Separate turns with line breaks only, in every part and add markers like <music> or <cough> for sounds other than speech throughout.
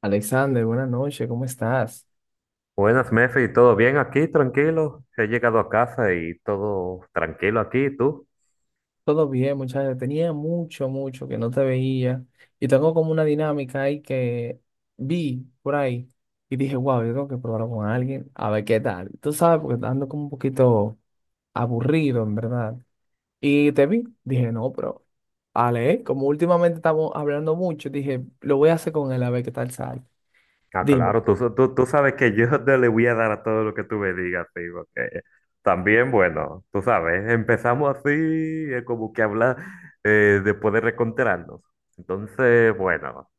Alexander, buenas noches, ¿cómo estás?
Buenas, Mefi, ¿todo bien aquí? Tranquilo. He llegado a casa y todo tranquilo aquí, ¿tú?
Todo bien, muchachos. Tenía mucho, mucho que no te veía. Y tengo como una dinámica ahí que vi por ahí y dije, wow, yo tengo que probarlo con alguien, a ver qué tal. Tú sabes, porque ando como un poquito aburrido, en verdad. Y te vi, dije, no, pero, Ale, como últimamente estamos hablando mucho, dije, lo voy a hacer con él, a ver qué tal sale.
Ah,
Dime.
claro, tú sabes que yo <laughs> te le voy a dar a todo lo que tú me digas, sí, porque también, bueno, tú sabes, empezamos así, como que hablar después de reencontrarnos. Entonces, bueno,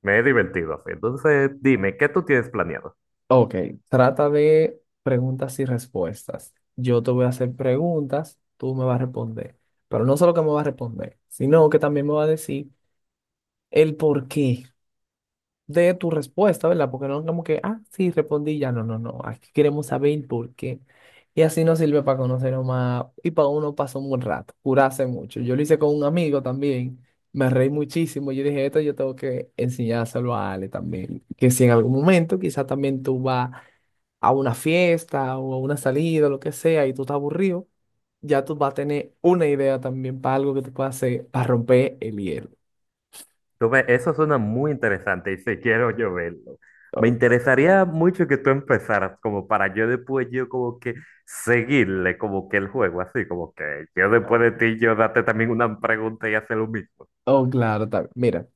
me he divertido así. Entonces, dime, ¿qué tú tienes planeado?
Ok, trata de preguntas y respuestas. Yo te voy a hacer preguntas, tú me vas a responder. Pero no solo que me vas a responder, sino que también me vas a decir el porqué de tu respuesta, ¿verdad? Porque no es como que, ah, sí, respondí ya. No, no, no. Aquí queremos saber el porqué. Y así nos sirve para conocernos más y para uno pasó un buen rato, curarse mucho. Yo lo hice con un amigo también, me reí muchísimo. Yo dije, esto yo tengo que enseñárselo a Ale también. Que si en algún momento quizás también tú vas a una fiesta o a una salida, lo que sea, y tú estás aburrido, ya tú vas a tener una idea también para algo que tú puedas hacer para romper el hielo.
Eso suena muy interesante y sí quiero yo verlo. Me
Oh,
interesaría mucho que tú empezaras como para yo después yo como que seguirle como que el juego, así como que yo
oh,
después de ti yo darte también una pregunta y hacer lo mismo.
oh, claro, también. Mira,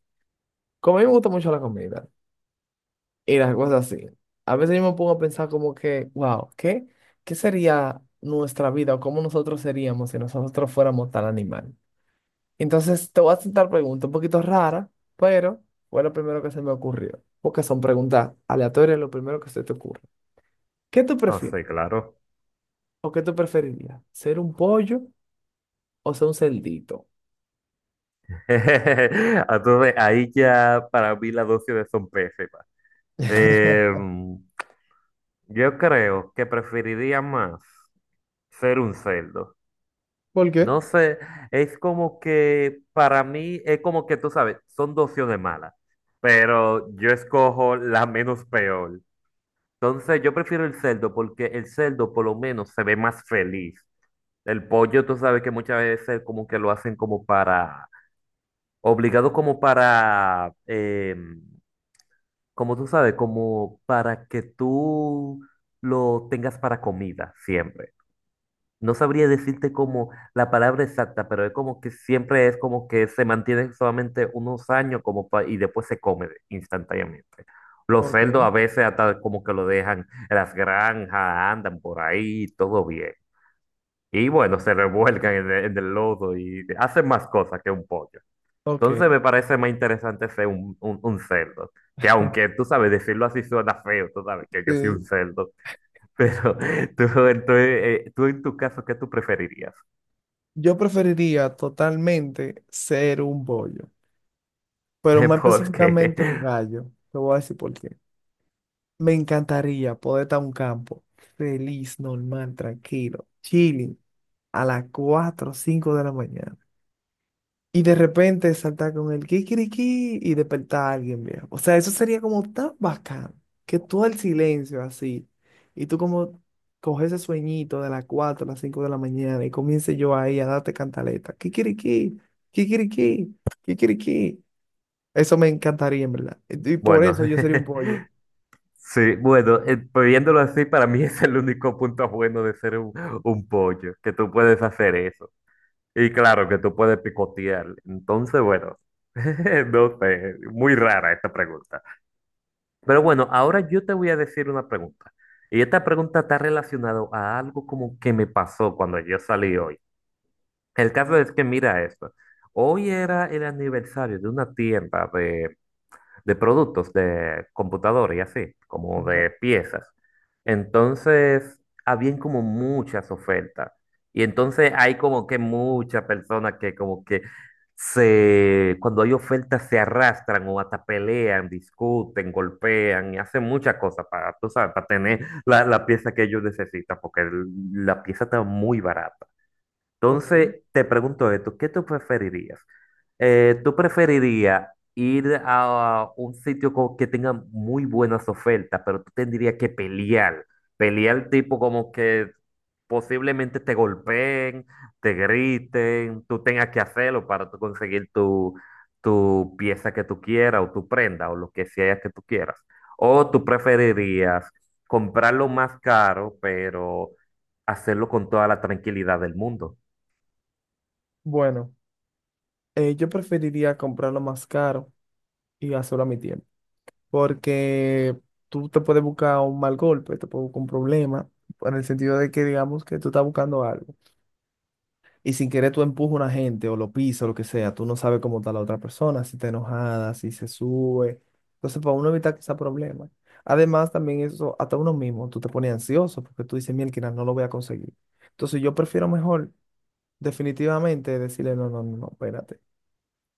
como a mí me gusta mucho la comida y las cosas así, a veces yo me pongo a pensar como que, wow, ¿qué sería nuestra vida o cómo nosotros seríamos si nosotros fuéramos tal animal? Entonces te voy a hacer preguntas un poquito raras, pero fue lo primero que se me ocurrió, porque son preguntas aleatorias, lo primero que se te ocurre. ¿Qué tú
Ah,
prefieres?
sí, claro.
¿O qué tú preferirías? ¿Ser un pollo o ser un cerdito?
<laughs> Entonces ahí ya para mí las dosis son pésimas.
<laughs>
Em, yo creo que preferiría más ser un cerdo.
¿Por qué?
No sé, es como que para mí es como que tú sabes, son dos opciones malas, pero yo escojo la menos peor. Entonces yo prefiero el cerdo porque el cerdo por lo menos se ve más feliz. El pollo tú sabes que muchas veces como que lo hacen como para, obligado como para, como tú sabes, como para que tú lo tengas para comida siempre. No sabría decirte como la palabra exacta, pero es como que siempre es como que se mantienen solamente unos años como y después se come instantáneamente. Los cerdos a
Ok,
veces hasta como que lo dejan en las granjas, andan por ahí, todo bien. Y bueno, se revuelcan en el lodo y hacen más cosas que un pollo.
ok.
Entonces me parece más interesante ser un cerdo. Que aunque tú sabes, decirlo así suena feo, tú sabes que yo soy
Eh,
un cerdo, pero <laughs> tú, tú, tú en tu caso, ¿qué tú preferirías?
yo preferiría totalmente ser un pollo, pero
<laughs>
más
Porque,
específicamente un gallo. Te voy a decir por qué. Me encantaría poder estar en un campo feliz, normal, tranquilo, chilling, a las 4 o 5 de la mañana. Y de repente saltar con el kikiriki y despertar a alguien, viejo. O sea, eso sería como tan bacán que todo el silencio así. Y tú como coges ese sueñito de las 4 a las 5 de la mañana y comience yo ahí a darte cantaleta. Kikiriki, kikiriki, kikiriki. Eso me encantaría, en verdad. Y por
bueno,
eso yo sería un pollo.
<laughs> sí, bueno, pues viéndolo así, para mí <laughs> es el único punto bueno de ser un pollo, que tú puedes hacer eso. Y claro, que tú puedes picotear. Entonces, bueno, <laughs> no sé, muy rara esta pregunta. Pero bueno, ahora yo te voy a decir una pregunta. Y esta pregunta está relacionada a algo como que me pasó cuando yo salí hoy. El caso es que, mira esto, hoy era el aniversario de una tienda de productos de computador y así, como
Ajá,
de piezas. Entonces, habían como muchas ofertas. Y entonces hay como que muchas personas que como que se, cuando hay ofertas se arrastran o hasta pelean, discuten, golpean y hacen muchas cosas para, tú sabes, para tener la pieza que ellos necesitan, porque la pieza está muy barata.
ok.
Entonces, te pregunto esto, ¿qué tú preferirías? ¿Tú preferirías ir a un sitio que tenga muy buenas ofertas, pero tú tendrías que pelear? Pelear tipo como que posiblemente te golpeen, te griten, tú tengas que hacerlo para tú conseguir tu pieza que tú quieras o tu prenda o lo que sea que tú quieras. ¿O tú preferirías comprarlo más caro, pero hacerlo con toda la tranquilidad del mundo?
Bueno, yo preferiría comprarlo más caro y hacerlo a mi tiempo. Porque tú te puedes buscar un mal golpe, te puedes buscar un problema, en el sentido de que digamos que tú estás buscando algo y sin querer tú empujas a una gente o lo pisas o lo que sea, tú no sabes cómo está la otra persona, si está enojada, si se sube. Entonces, para uno evitar que sea problema. Además, también eso, hasta uno mismo, tú te pones ansioso porque tú dices, mira, no lo voy a conseguir. Entonces, yo prefiero mejor definitivamente decirle, no, no, no, no, espérate,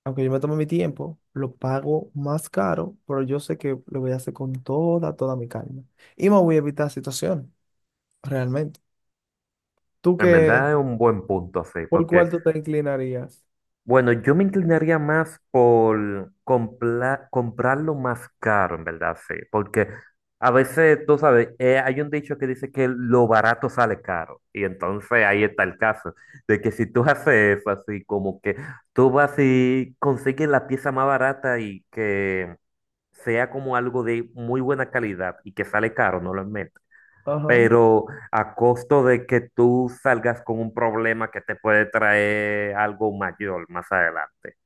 aunque yo me tome mi tiempo, lo pago más caro, pero yo sé que lo voy a hacer con toda, toda mi calma. Y me voy a evitar situación, realmente. ¿Tú
En
qué,
verdad es un buen punto, sí,
por
porque,
cuál tú te inclinarías?
bueno, yo me inclinaría más por comprarlo más caro, en verdad, sí, porque a veces, tú sabes, hay un dicho que dice que lo barato sale caro, y entonces ahí está el caso, de que si tú <laughs> haces eso, así como que tú vas y consigues la pieza más barata y que sea como algo de muy buena calidad y que sale caro, no lo es menos,
Ajá.
pero a costo de que tú salgas con un problema que te puede traer algo mayor más adelante.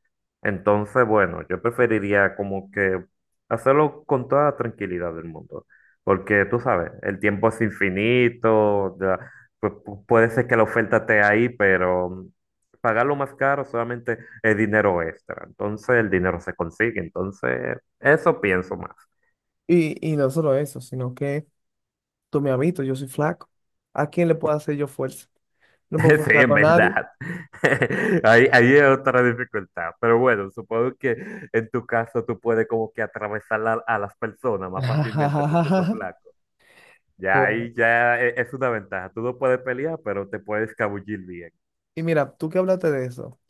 Entonces, bueno, yo preferiría como que hacerlo con toda la tranquilidad del mundo, porque tú sabes, el tiempo es infinito, ya, puede ser que la oferta esté ahí, pero pagarlo más caro solamente es dinero extra. Entonces, el dinero se consigue, entonces, eso pienso más.
Y no solo eso, sino que tú me has visto, yo soy flaco. ¿A quién le puedo hacer yo fuerza? No puedo
<laughs> Sí,
forzar
en
con nadie.
verdad. <laughs> Ahí es otra dificultad. Pero bueno, supongo que en tu caso tú puedes como que atravesar a las personas más fácilmente tú siendo
<laughs>
flaco. Ya
Bueno,
ahí ya es una ventaja. Tú no puedes pelear, pero te puedes escabullir bien.
y mira, tú que hablaste de eso,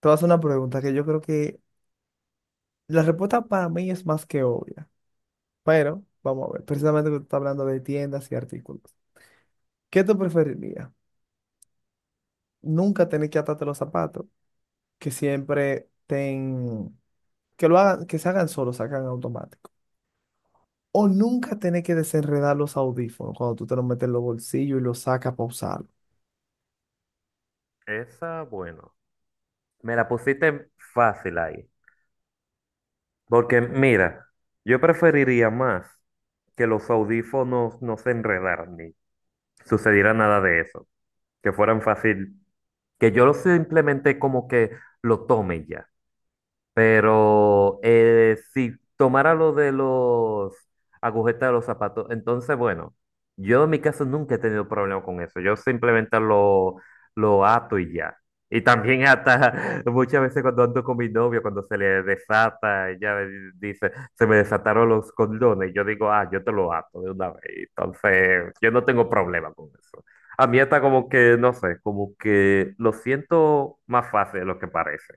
te vas a hacer una pregunta que yo creo que la respuesta para mí es más que obvia. Pero, vamos a ver, precisamente que tú estás hablando de tiendas y artículos. ¿Qué tú preferirías? Nunca tener que atarte los zapatos, que siempre ten, que lo hagan, que se hagan solos, se hagan automático. O nunca tener que desenredar los audífonos cuando tú te los metes en los bolsillos y los sacas para usarlo.
Esa, bueno. Me la pusiste fácil ahí. Porque mira, yo preferiría más que los audífonos no se enredaran ni sucediera nada de eso. Que fueran fácil. Que yo lo simplemente como que lo tome y ya. Pero si tomara lo de los agujetas de los zapatos, entonces, bueno, yo en mi caso nunca he tenido problema con eso. Yo simplemente lo ato y ya. Y también hasta <laughs> muchas veces cuando ando con mi novio, cuando se le desata, ella dice, se me desataron los condones. Y yo digo, ah, yo te lo ato de una vez. Entonces, yo no tengo problema con eso. A mí está como que, no sé, como que lo siento más fácil de lo que parece.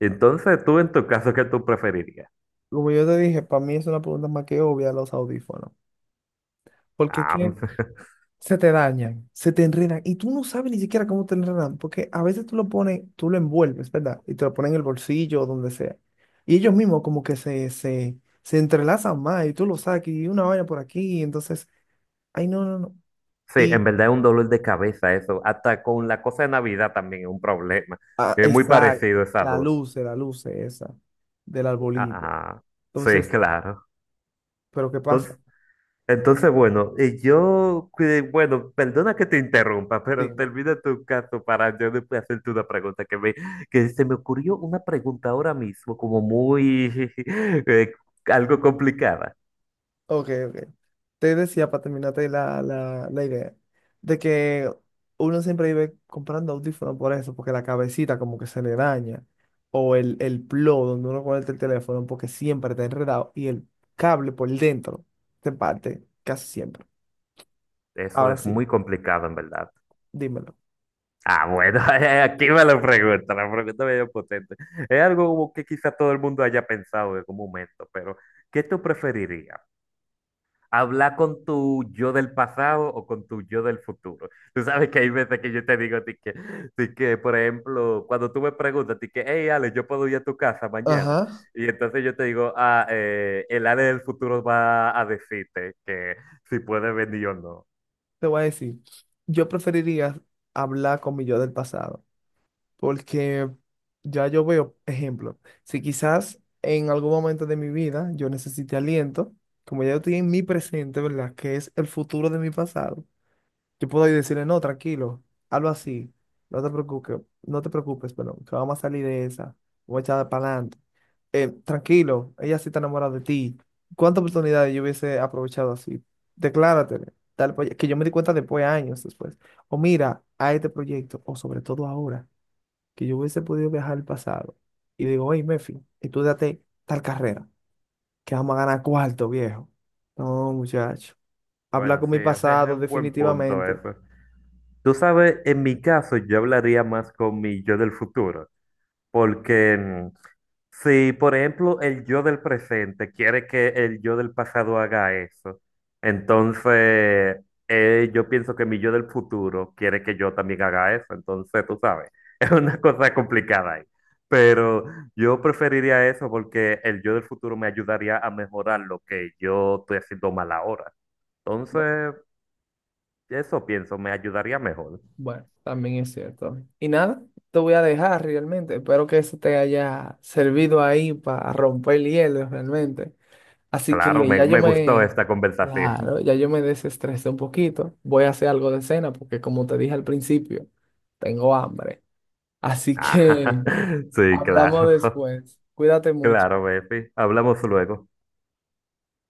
Entonces, tú en tu caso, ¿qué tú preferirías?
Como yo te dije, para mí es una pregunta más que obvia los audífonos. Porque
Ah,
¿qué,
<laughs>
se te dañan, se te enredan y tú no sabes ni siquiera cómo te enredan, porque a veces tú lo pones, tú lo envuelves, ¿verdad? Y te lo pones en el bolsillo o donde sea. Y ellos mismos como que se entrelazan más y tú lo sacas y una vaina por aquí, y entonces, ay, no, no, no.
sí,
Y,
en verdad es un dolor de cabeza eso. Hasta con la cosa de Navidad también es un problema.
ah,
Es muy parecido
exacto,
esas
la
dos.
luz, la luz esa del arbolito.
Ah, sí,
Entonces,
claro.
¿pero qué pasa?
Entonces, entonces bueno, y yo, bueno, perdona que te interrumpa, pero
Dime.
termina tu caso para yo después hacerte una pregunta que me, que se me ocurrió una pregunta ahora mismo como muy, <laughs> eh, algo complicada.
Ok, ok. Te decía para terminarte la idea de que uno siempre vive comprando audífonos por eso, porque la cabecita como que se le daña, o el plo donde uno conecta el teléfono porque siempre está enredado y el cable por dentro se parte casi siempre.
Eso
Ahora
es
sí,
muy complicado, en verdad.
dímelo.
Ah, bueno, <laughs> aquí me lo pregunta, la pregunta medio potente. Es algo como que quizá todo el mundo haya pensado en algún momento, pero ¿qué tú preferirías? ¿Hablar con tu yo del pasado o con tu yo del futuro? Tú sabes que hay veces que yo te digo a por ejemplo, cuando tú me preguntas, hey, Ale, yo puedo ir a tu casa mañana.
Ajá.
Y entonces yo te digo, ah, el Ale del futuro va a decirte que si puede venir o no.
Te voy a decir, yo preferiría hablar con mi yo del pasado. Porque ya yo veo, ejemplo, si quizás en algún momento de mi vida yo necesite aliento, como ya yo estoy en mi presente, ¿verdad? Que es el futuro de mi pasado, yo puedo ir decirle, no, tranquilo, hazlo así, no te preocupes, no te preocupes, perdón, que vamos a salir de esa, voy a echar para adelante. Tranquilo, ella sí está enamorada de ti. ¿Cuántas oportunidades yo hubiese aprovechado así? Decláratele, tal, que yo me di cuenta después, años después. O mira, a este proyecto, o sobre todo ahora que yo hubiese podido viajar al pasado y digo, hey, Mefi, date tal carrera, que vamos a ganar cuarto, viejo. No, muchacho. Habla
Bueno,
con
sí,
mi
<laughs> es
pasado,
un buen punto
definitivamente.
eso. Tú sabes, en mi caso yo hablaría más con mi yo del futuro, porque si, por ejemplo, el yo del presente quiere que el yo del pasado haga eso, entonces yo pienso que mi yo del futuro quiere que yo también haga eso, entonces tú sabes, <laughs> es una cosa complicada ahí, pero yo preferiría eso porque el yo del futuro me ayudaría a mejorar lo que yo estoy haciendo mal ahora,
Bu-
entonces eso pienso, me ayudaría mejor.
Bueno, también es cierto. Y nada, te voy a dejar realmente. Espero que eso te haya servido ahí para romper el hielo realmente. Así
Claro,
que ya yo
me gustó
me,
esta conversación. <laughs>
claro, ya yo me desestresé un poquito. Voy a hacer algo de cena porque como te dije al principio, tengo hambre. Así
Ah,
que
sí,
hablamos
claro, <laughs>
después. Cuídate
claro,
mucho.
Bepi. Hablamos luego.